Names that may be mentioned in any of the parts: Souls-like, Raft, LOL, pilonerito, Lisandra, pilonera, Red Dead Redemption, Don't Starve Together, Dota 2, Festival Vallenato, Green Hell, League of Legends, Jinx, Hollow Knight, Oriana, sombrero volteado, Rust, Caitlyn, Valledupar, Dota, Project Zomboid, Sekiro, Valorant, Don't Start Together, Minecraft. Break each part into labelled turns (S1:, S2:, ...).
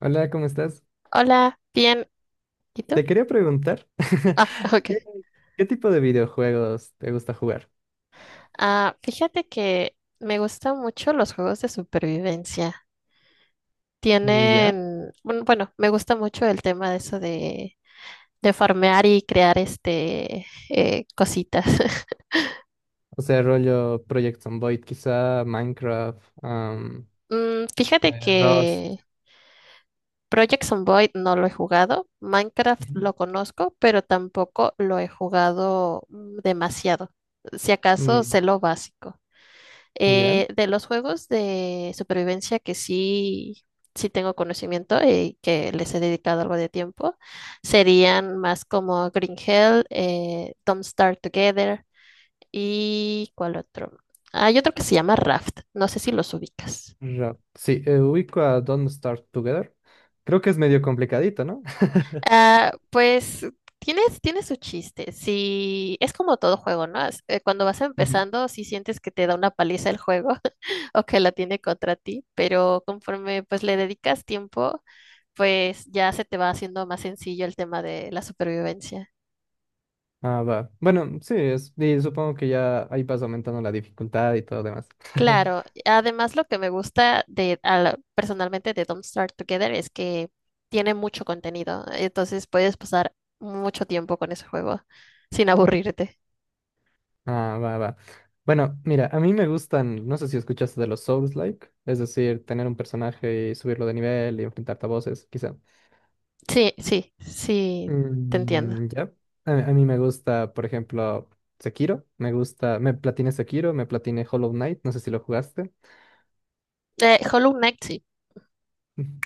S1: Hola, ¿cómo estás?
S2: Hola, bien. ¿Y tú?
S1: Te quería preguntar,
S2: Ah,
S1: ¿qué,
S2: ok.
S1: qué tipo de videojuegos te gusta jugar?
S2: Ah, fíjate que me gustan mucho los juegos de supervivencia.
S1: Mm, ¿ya?
S2: Tienen, bueno, me gusta mucho el tema de eso de farmear y crear cositas.
S1: O sea, rollo Project Zomboid, quizá Minecraft,
S2: Mm, fíjate
S1: Rust.
S2: que Project Zomboid no lo he jugado, Minecraft
S1: Ujú.
S2: lo conozco, pero tampoco lo he jugado demasiado. Si acaso
S1: Mm,
S2: sé lo básico.
S1: ¿ya?
S2: De los juegos de supervivencia que sí tengo conocimiento y que les he dedicado algo de tiempo, serían más como Green Hell, Don't Starve Together y ¿cuál otro? Hay otro que se llama Raft, no sé si los ubicas.
S1: Sí, ubico a Don't Start Together. Creo que es medio complicadito, ¿no?
S2: Ah, pues tiene su chiste. Si es como todo juego, ¿no? Cuando vas
S1: Ujú.
S2: empezando, si sientes que te da una paliza el juego o que la tiene contra ti, pero conforme pues le dedicas tiempo pues ya se te va haciendo más sencillo el tema de la supervivencia.
S1: Ah, va. Bueno, sí, es, y supongo que ya ahí vas aumentando la dificultad y todo lo demás.
S2: Claro, además lo que me gusta personalmente de Don't Starve Together es que tiene mucho contenido, entonces puedes pasar mucho tiempo con ese juego sin aburrirte.
S1: Ah, va, va. Bueno, mira, a mí me gustan, no sé si escuchaste de los Souls-like, es decir, tener un personaje y subirlo de nivel y enfrentarte a voces, quizá.
S2: Sí, sí, sí, te entiendo.
S1: Mm, ya. A mí me gusta, por ejemplo, Sekiro, me gusta, me platiné Sekiro, me platiné Hollow Knight, no sé si lo jugaste.
S2: Hollow Knight, sí.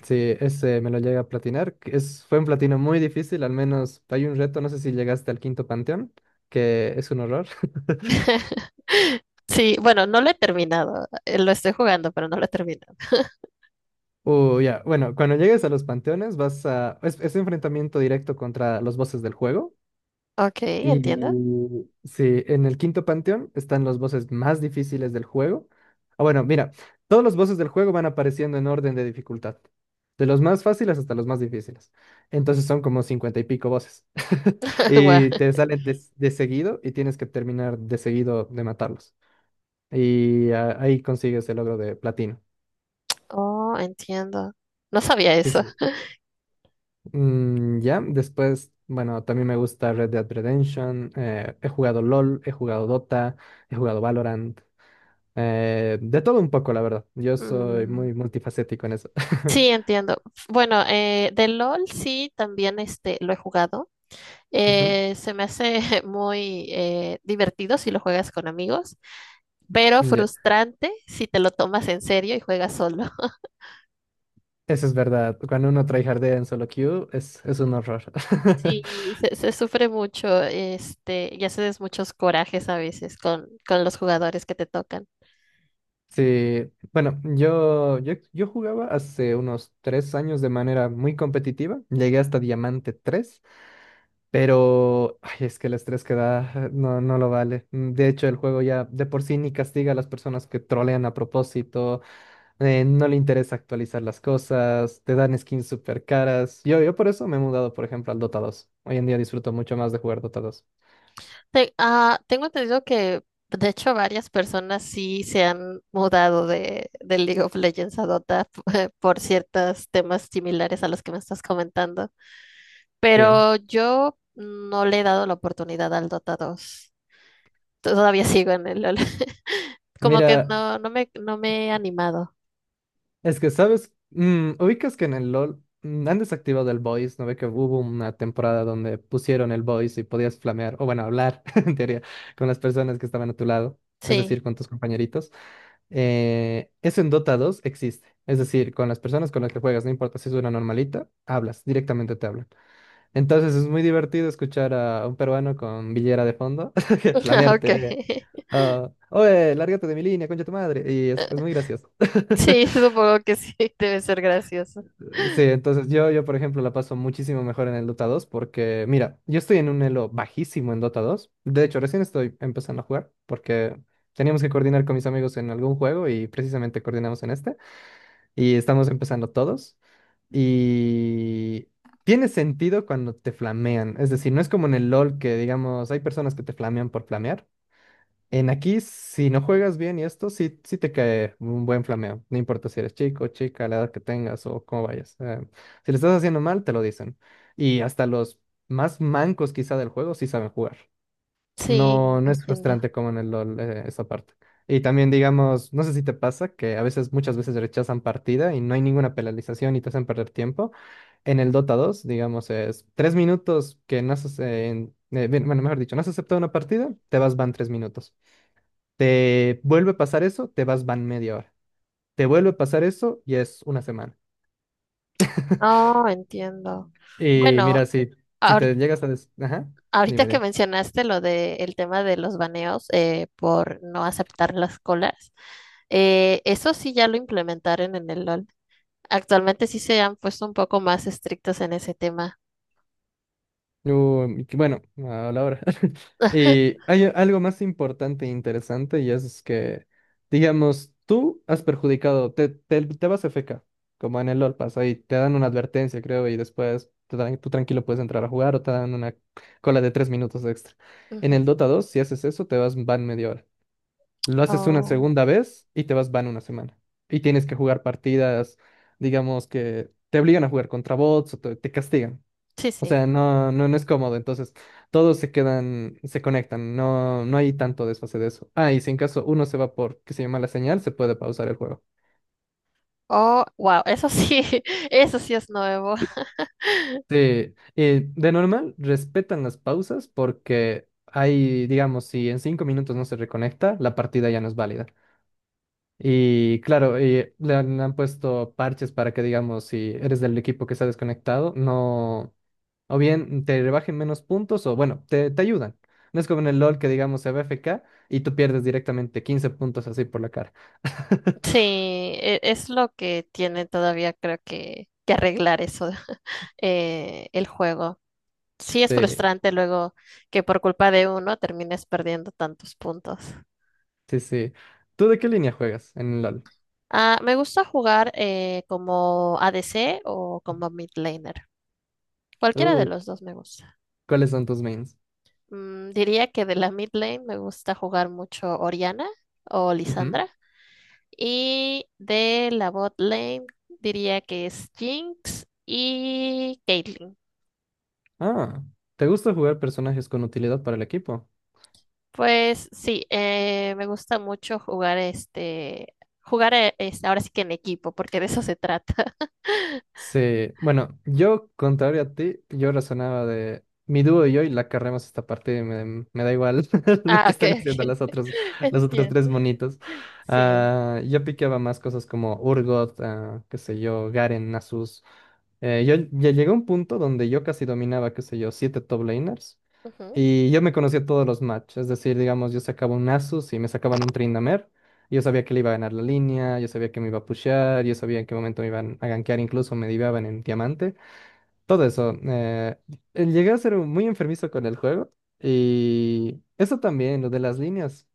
S1: Sí, ese me lo llegué a platinar, que es, fue un platino muy difícil, al menos hay un reto, no sé si llegaste al quinto panteón, que es un horror.
S2: Sí, bueno, no lo he terminado. Lo estoy jugando, pero no lo he terminado.
S1: Ya, bueno, cuando llegues a los panteones vas a... Es enfrentamiento directo contra los bosses del juego.
S2: Ok,
S1: Y
S2: entiendo.
S1: sí, en el quinto panteón están los bosses más difíciles del juego. Ah, bueno, mira, todos los bosses del juego van apareciendo en orden de dificultad. De los más fáciles hasta los más difíciles. Entonces son como 50 y pico bosses.
S2: Guau.
S1: Y te salen de seguido y tienes que terminar de seguido de matarlos. Y ahí consigues el logro de platino.
S2: Oh, entiendo. No sabía
S1: Sí,
S2: eso.
S1: sí. Ya, después, bueno, también me gusta Red Dead Redemption, he jugado LOL, he jugado Dota, he jugado Valorant, de todo un poco, la verdad. Yo soy
S2: Mm.
S1: muy multifacético en eso.
S2: Sí, entiendo. Bueno, de LOL sí, también este, lo he jugado.
S1: Ujú,
S2: Se me hace muy divertido si lo juegas con amigos, pero
S1: ya,
S2: frustrante si te lo tomas en serio y juegas solo.
S1: eso es verdad. Cuando uno tryhardea en solo queue, es un horror.
S2: Sí, se sufre mucho, este, y haces muchos corajes a veces con los jugadores que te tocan.
S1: Sí, bueno, yo jugaba hace unos 3 años de manera muy competitiva. Llegué hasta Diamante 3. Pero ay, es que el estrés que da no, no lo vale. De hecho, el juego ya de por sí ni castiga a las personas que trolean a propósito, no le interesa actualizar las cosas, te dan skins súper caras. Yo por eso me he mudado, por ejemplo, al Dota 2. Hoy en día disfruto mucho más de jugar Dota 2.
S2: Tengo entendido que, de hecho, varias personas sí se han mudado de League of Legends a Dota, por ciertos temas similares a los que me estás comentando,
S1: Sí.
S2: pero yo no le he dado la oportunidad al Dota dos. Todavía sigo en el LoL. Como que
S1: Mira,
S2: no, no me he animado.
S1: es que, ¿sabes? Ubicas que en el LOL han desactivado el voice, ¿no ve que hubo una temporada donde pusieron el voice y podías flamear, o bueno, hablar, en teoría, con las personas que estaban a tu lado, es
S2: Sí,
S1: decir, con tus compañeritos? Eso en Dota 2 existe, es decir, con las personas con las que juegas, no importa si es una normalita, hablas, directamente te hablan. Entonces es muy divertido escuchar a un peruano con villera de fondo, que flamearte,
S2: ok.
S1: oye, lárgate de mi línea, concha tu madre, y es muy gracioso.
S2: Sí, supongo que sí, debe ser gracioso.
S1: Sí, entonces por ejemplo, la paso muchísimo mejor en el Dota 2 porque, mira, yo estoy en un elo bajísimo en Dota 2. De hecho, recién estoy empezando a jugar porque teníamos que coordinar con mis amigos en algún juego y precisamente coordinamos en este. Y estamos empezando todos. Y tiene sentido cuando te flamean. Es decir, no es como en el LOL que, digamos, hay personas que te flamean por flamear. En aquí, si no juegas bien y esto, sí, sí te cae un buen flameo. No importa si eres chico, chica, la edad que tengas o cómo vayas. Si le estás haciendo mal, te lo dicen. Y hasta los más mancos quizá del juego sí saben jugar.
S2: Sí,
S1: No, no es
S2: entiendo.
S1: frustrante como en el LoL, esa parte. Y también, digamos, no sé si te pasa que a veces, muchas veces rechazan partida y no hay ninguna penalización y te hacen perder tiempo. En el Dota 2, digamos, es 3 minutos que no has, bien, bueno, mejor dicho, no has aceptado una partida, te vas, van 3 minutos. Te vuelve a pasar eso, te vas, van media hora. Te vuelve a pasar eso y es una semana.
S2: Oh, entiendo.
S1: Y
S2: Bueno,
S1: mira, si, si te llegas a... des- Ajá,
S2: ahorita
S1: dime,
S2: que
S1: dime.
S2: mencionaste lo de el tema de los baneos por no aceptar las colas, eso sí ya lo implementaron en el LOL. Actualmente sí se han puesto un poco más estrictos en ese tema.
S1: Uy, que bueno, a la hora. Y hay algo más importante e interesante y es que, digamos, tú has perjudicado, te vas FK, como en el LOL pasa, y te dan una advertencia, creo, y después tú tranquilo puedes entrar a jugar o te dan una cola de 3 minutos extra. En
S2: Ujú.
S1: el Dota 2 si haces eso, te vas, van media hora. Lo haces una
S2: Oh,
S1: segunda vez y te vas van una semana. Y tienes que jugar partidas, digamos que te obligan a jugar contra bots o te castigan.
S2: sí,
S1: O
S2: sí.
S1: sea, no, no, no es cómodo. Entonces, todos se quedan, se conectan. No, no hay tanto desfase de eso. Ah, y si en caso uno se va por que se llama la señal, se puede pausar el juego.
S2: Oh, wow, eso sí, eso sí es nuevo.
S1: Sí, de normal respetan las pausas porque hay, digamos, si en 5 minutos no se reconecta, la partida ya no es válida. Y claro, y le han puesto parches para que, digamos, si eres del equipo que está desconectado, no, o bien te rebajen menos puntos o, bueno, te ayudan. No es como en el LOL que, digamos, se va FK y tú pierdes directamente 15 puntos así por la cara.
S2: Sí, es lo que tiene todavía creo que arreglar eso, el juego. Sí, es
S1: Sí,
S2: frustrante luego que por culpa de uno termines perdiendo tantos puntos.
S1: sí, sí. ¿Tú de qué línea juegas en el LOL?
S2: Ah, me gusta jugar como ADC o como mid laner. Cualquiera de
S1: Uh,
S2: los dos me gusta.
S1: ¿Cuáles son tus mains?
S2: Mm, diría que de la mid lane me gusta jugar mucho Oriana o Lisandra.
S1: Ujú.
S2: Y de la bot lane diría que es Jinx y Caitlyn.
S1: Ah, ¿te gusta jugar personajes con utilidad para el equipo?
S2: Pues sí, me gusta mucho jugar jugar ahora sí que en equipo, porque de eso se trata.
S1: Sí, bueno, yo contrario a ti, yo razonaba de mi dúo y yo y la carremos esta parte, y me da igual lo
S2: Ah,
S1: que
S2: ok,
S1: estén
S2: ok.
S1: haciendo las otras, los otros tres
S2: Entiendo.
S1: monitos.
S2: Sí.
S1: Ah, yo piqueaba más cosas como Urgot, ah, qué sé yo, Garen, Nasus. Yo ya llegué a un punto donde yo casi dominaba, qué sé yo, siete top laners.
S2: Ujú.
S1: Y yo me conocía todos los match, es decir, digamos, yo sacaba un Asus y me sacaban un Tryndamere, y yo sabía que le iba a ganar la línea, yo sabía que me iba a pushear, yo sabía en qué momento me iban a gankear, incluso me diveaban en diamante, todo eso. Llegué a ser muy enfermizo con el juego, y eso también, lo de las líneas,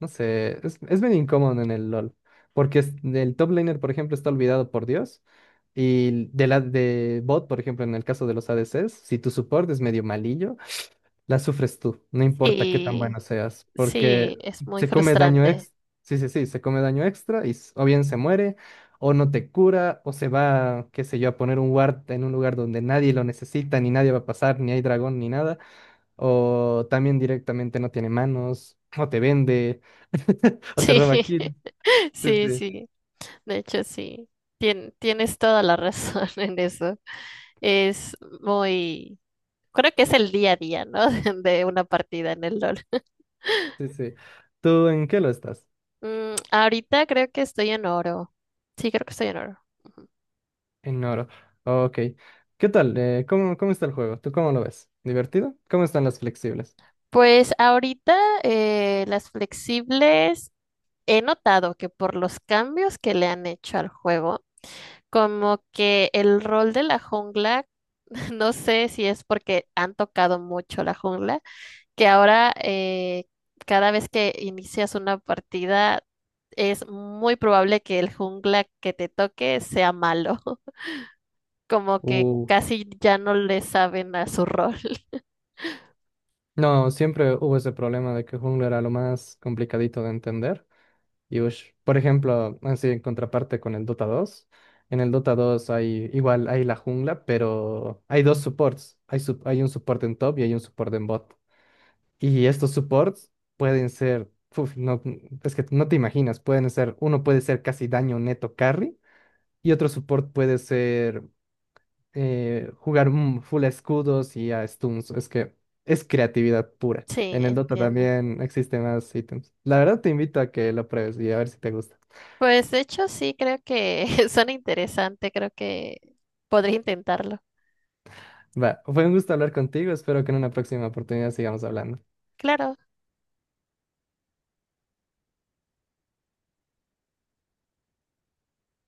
S1: no sé, es bien incómodo en el LoL, porque el top laner, por ejemplo, está olvidado por Dios, y de la de bot, por ejemplo, en el caso de los ADCs, si tu support es medio malillo, la sufres tú, no importa qué tan
S2: Sí,
S1: bueno seas,
S2: sí,
S1: porque
S2: es muy
S1: se come daño
S2: frustrante.
S1: extra, sí, sí, sí, se come daño extra y o bien se muere, o no te cura, o se va, qué sé yo, a poner un ward en un lugar donde nadie lo necesita, ni nadie va a pasar, ni hay dragón, ni nada, o también directamente no tiene manos, o te vende, o te
S2: Sí,
S1: roba kill. Sí,
S2: sí,
S1: sí,
S2: sí. De hecho, sí. Tienes toda la razón en eso. Es muy... Creo que es el día a día, ¿no? De una partida en el LOL.
S1: sí, sí. ¿Tú en qué lo estás?
S2: Mm, ahorita creo que estoy en oro. Sí, creo que estoy en oro.
S1: En oro. Ok. ¿Qué tal? ¿Cómo está el juego? ¿Tú cómo lo ves? ¿Divertido? ¿Cómo están las flexibles?
S2: Pues ahorita las flexibles he notado que por los cambios que le han hecho al juego, como que el rol de la jungla, no sé si es porque han tocado mucho la jungla, que ahora cada vez que inicias una partida es muy probable que el jungla que te toque sea malo, como que
S1: Uh.
S2: casi ya no le saben a su rol.
S1: No, siempre hubo ese problema de que Jungla era lo más complicadito de entender. Y ush, por ejemplo, así en contraparte con el Dota 2, en el Dota 2 hay igual hay la jungla, pero hay dos supports. Hay, hay un support en top y hay un support en bot. Y estos supports pueden ser, uf, no, es que no te imaginas, pueden ser, uno puede ser casi daño neto carry y otro support puede ser jugar un full escudos y a stuns. Es que es creatividad pura.
S2: Sí,
S1: En el Dota
S2: entiendo.
S1: también existen más ítems. La verdad te invito a que lo pruebes y a ver si te gusta.
S2: Pues de hecho sí, creo que suena interesante, creo que podría intentarlo.
S1: Va, fue un gusto hablar contigo. Espero que en una próxima oportunidad sigamos hablando.
S2: Claro.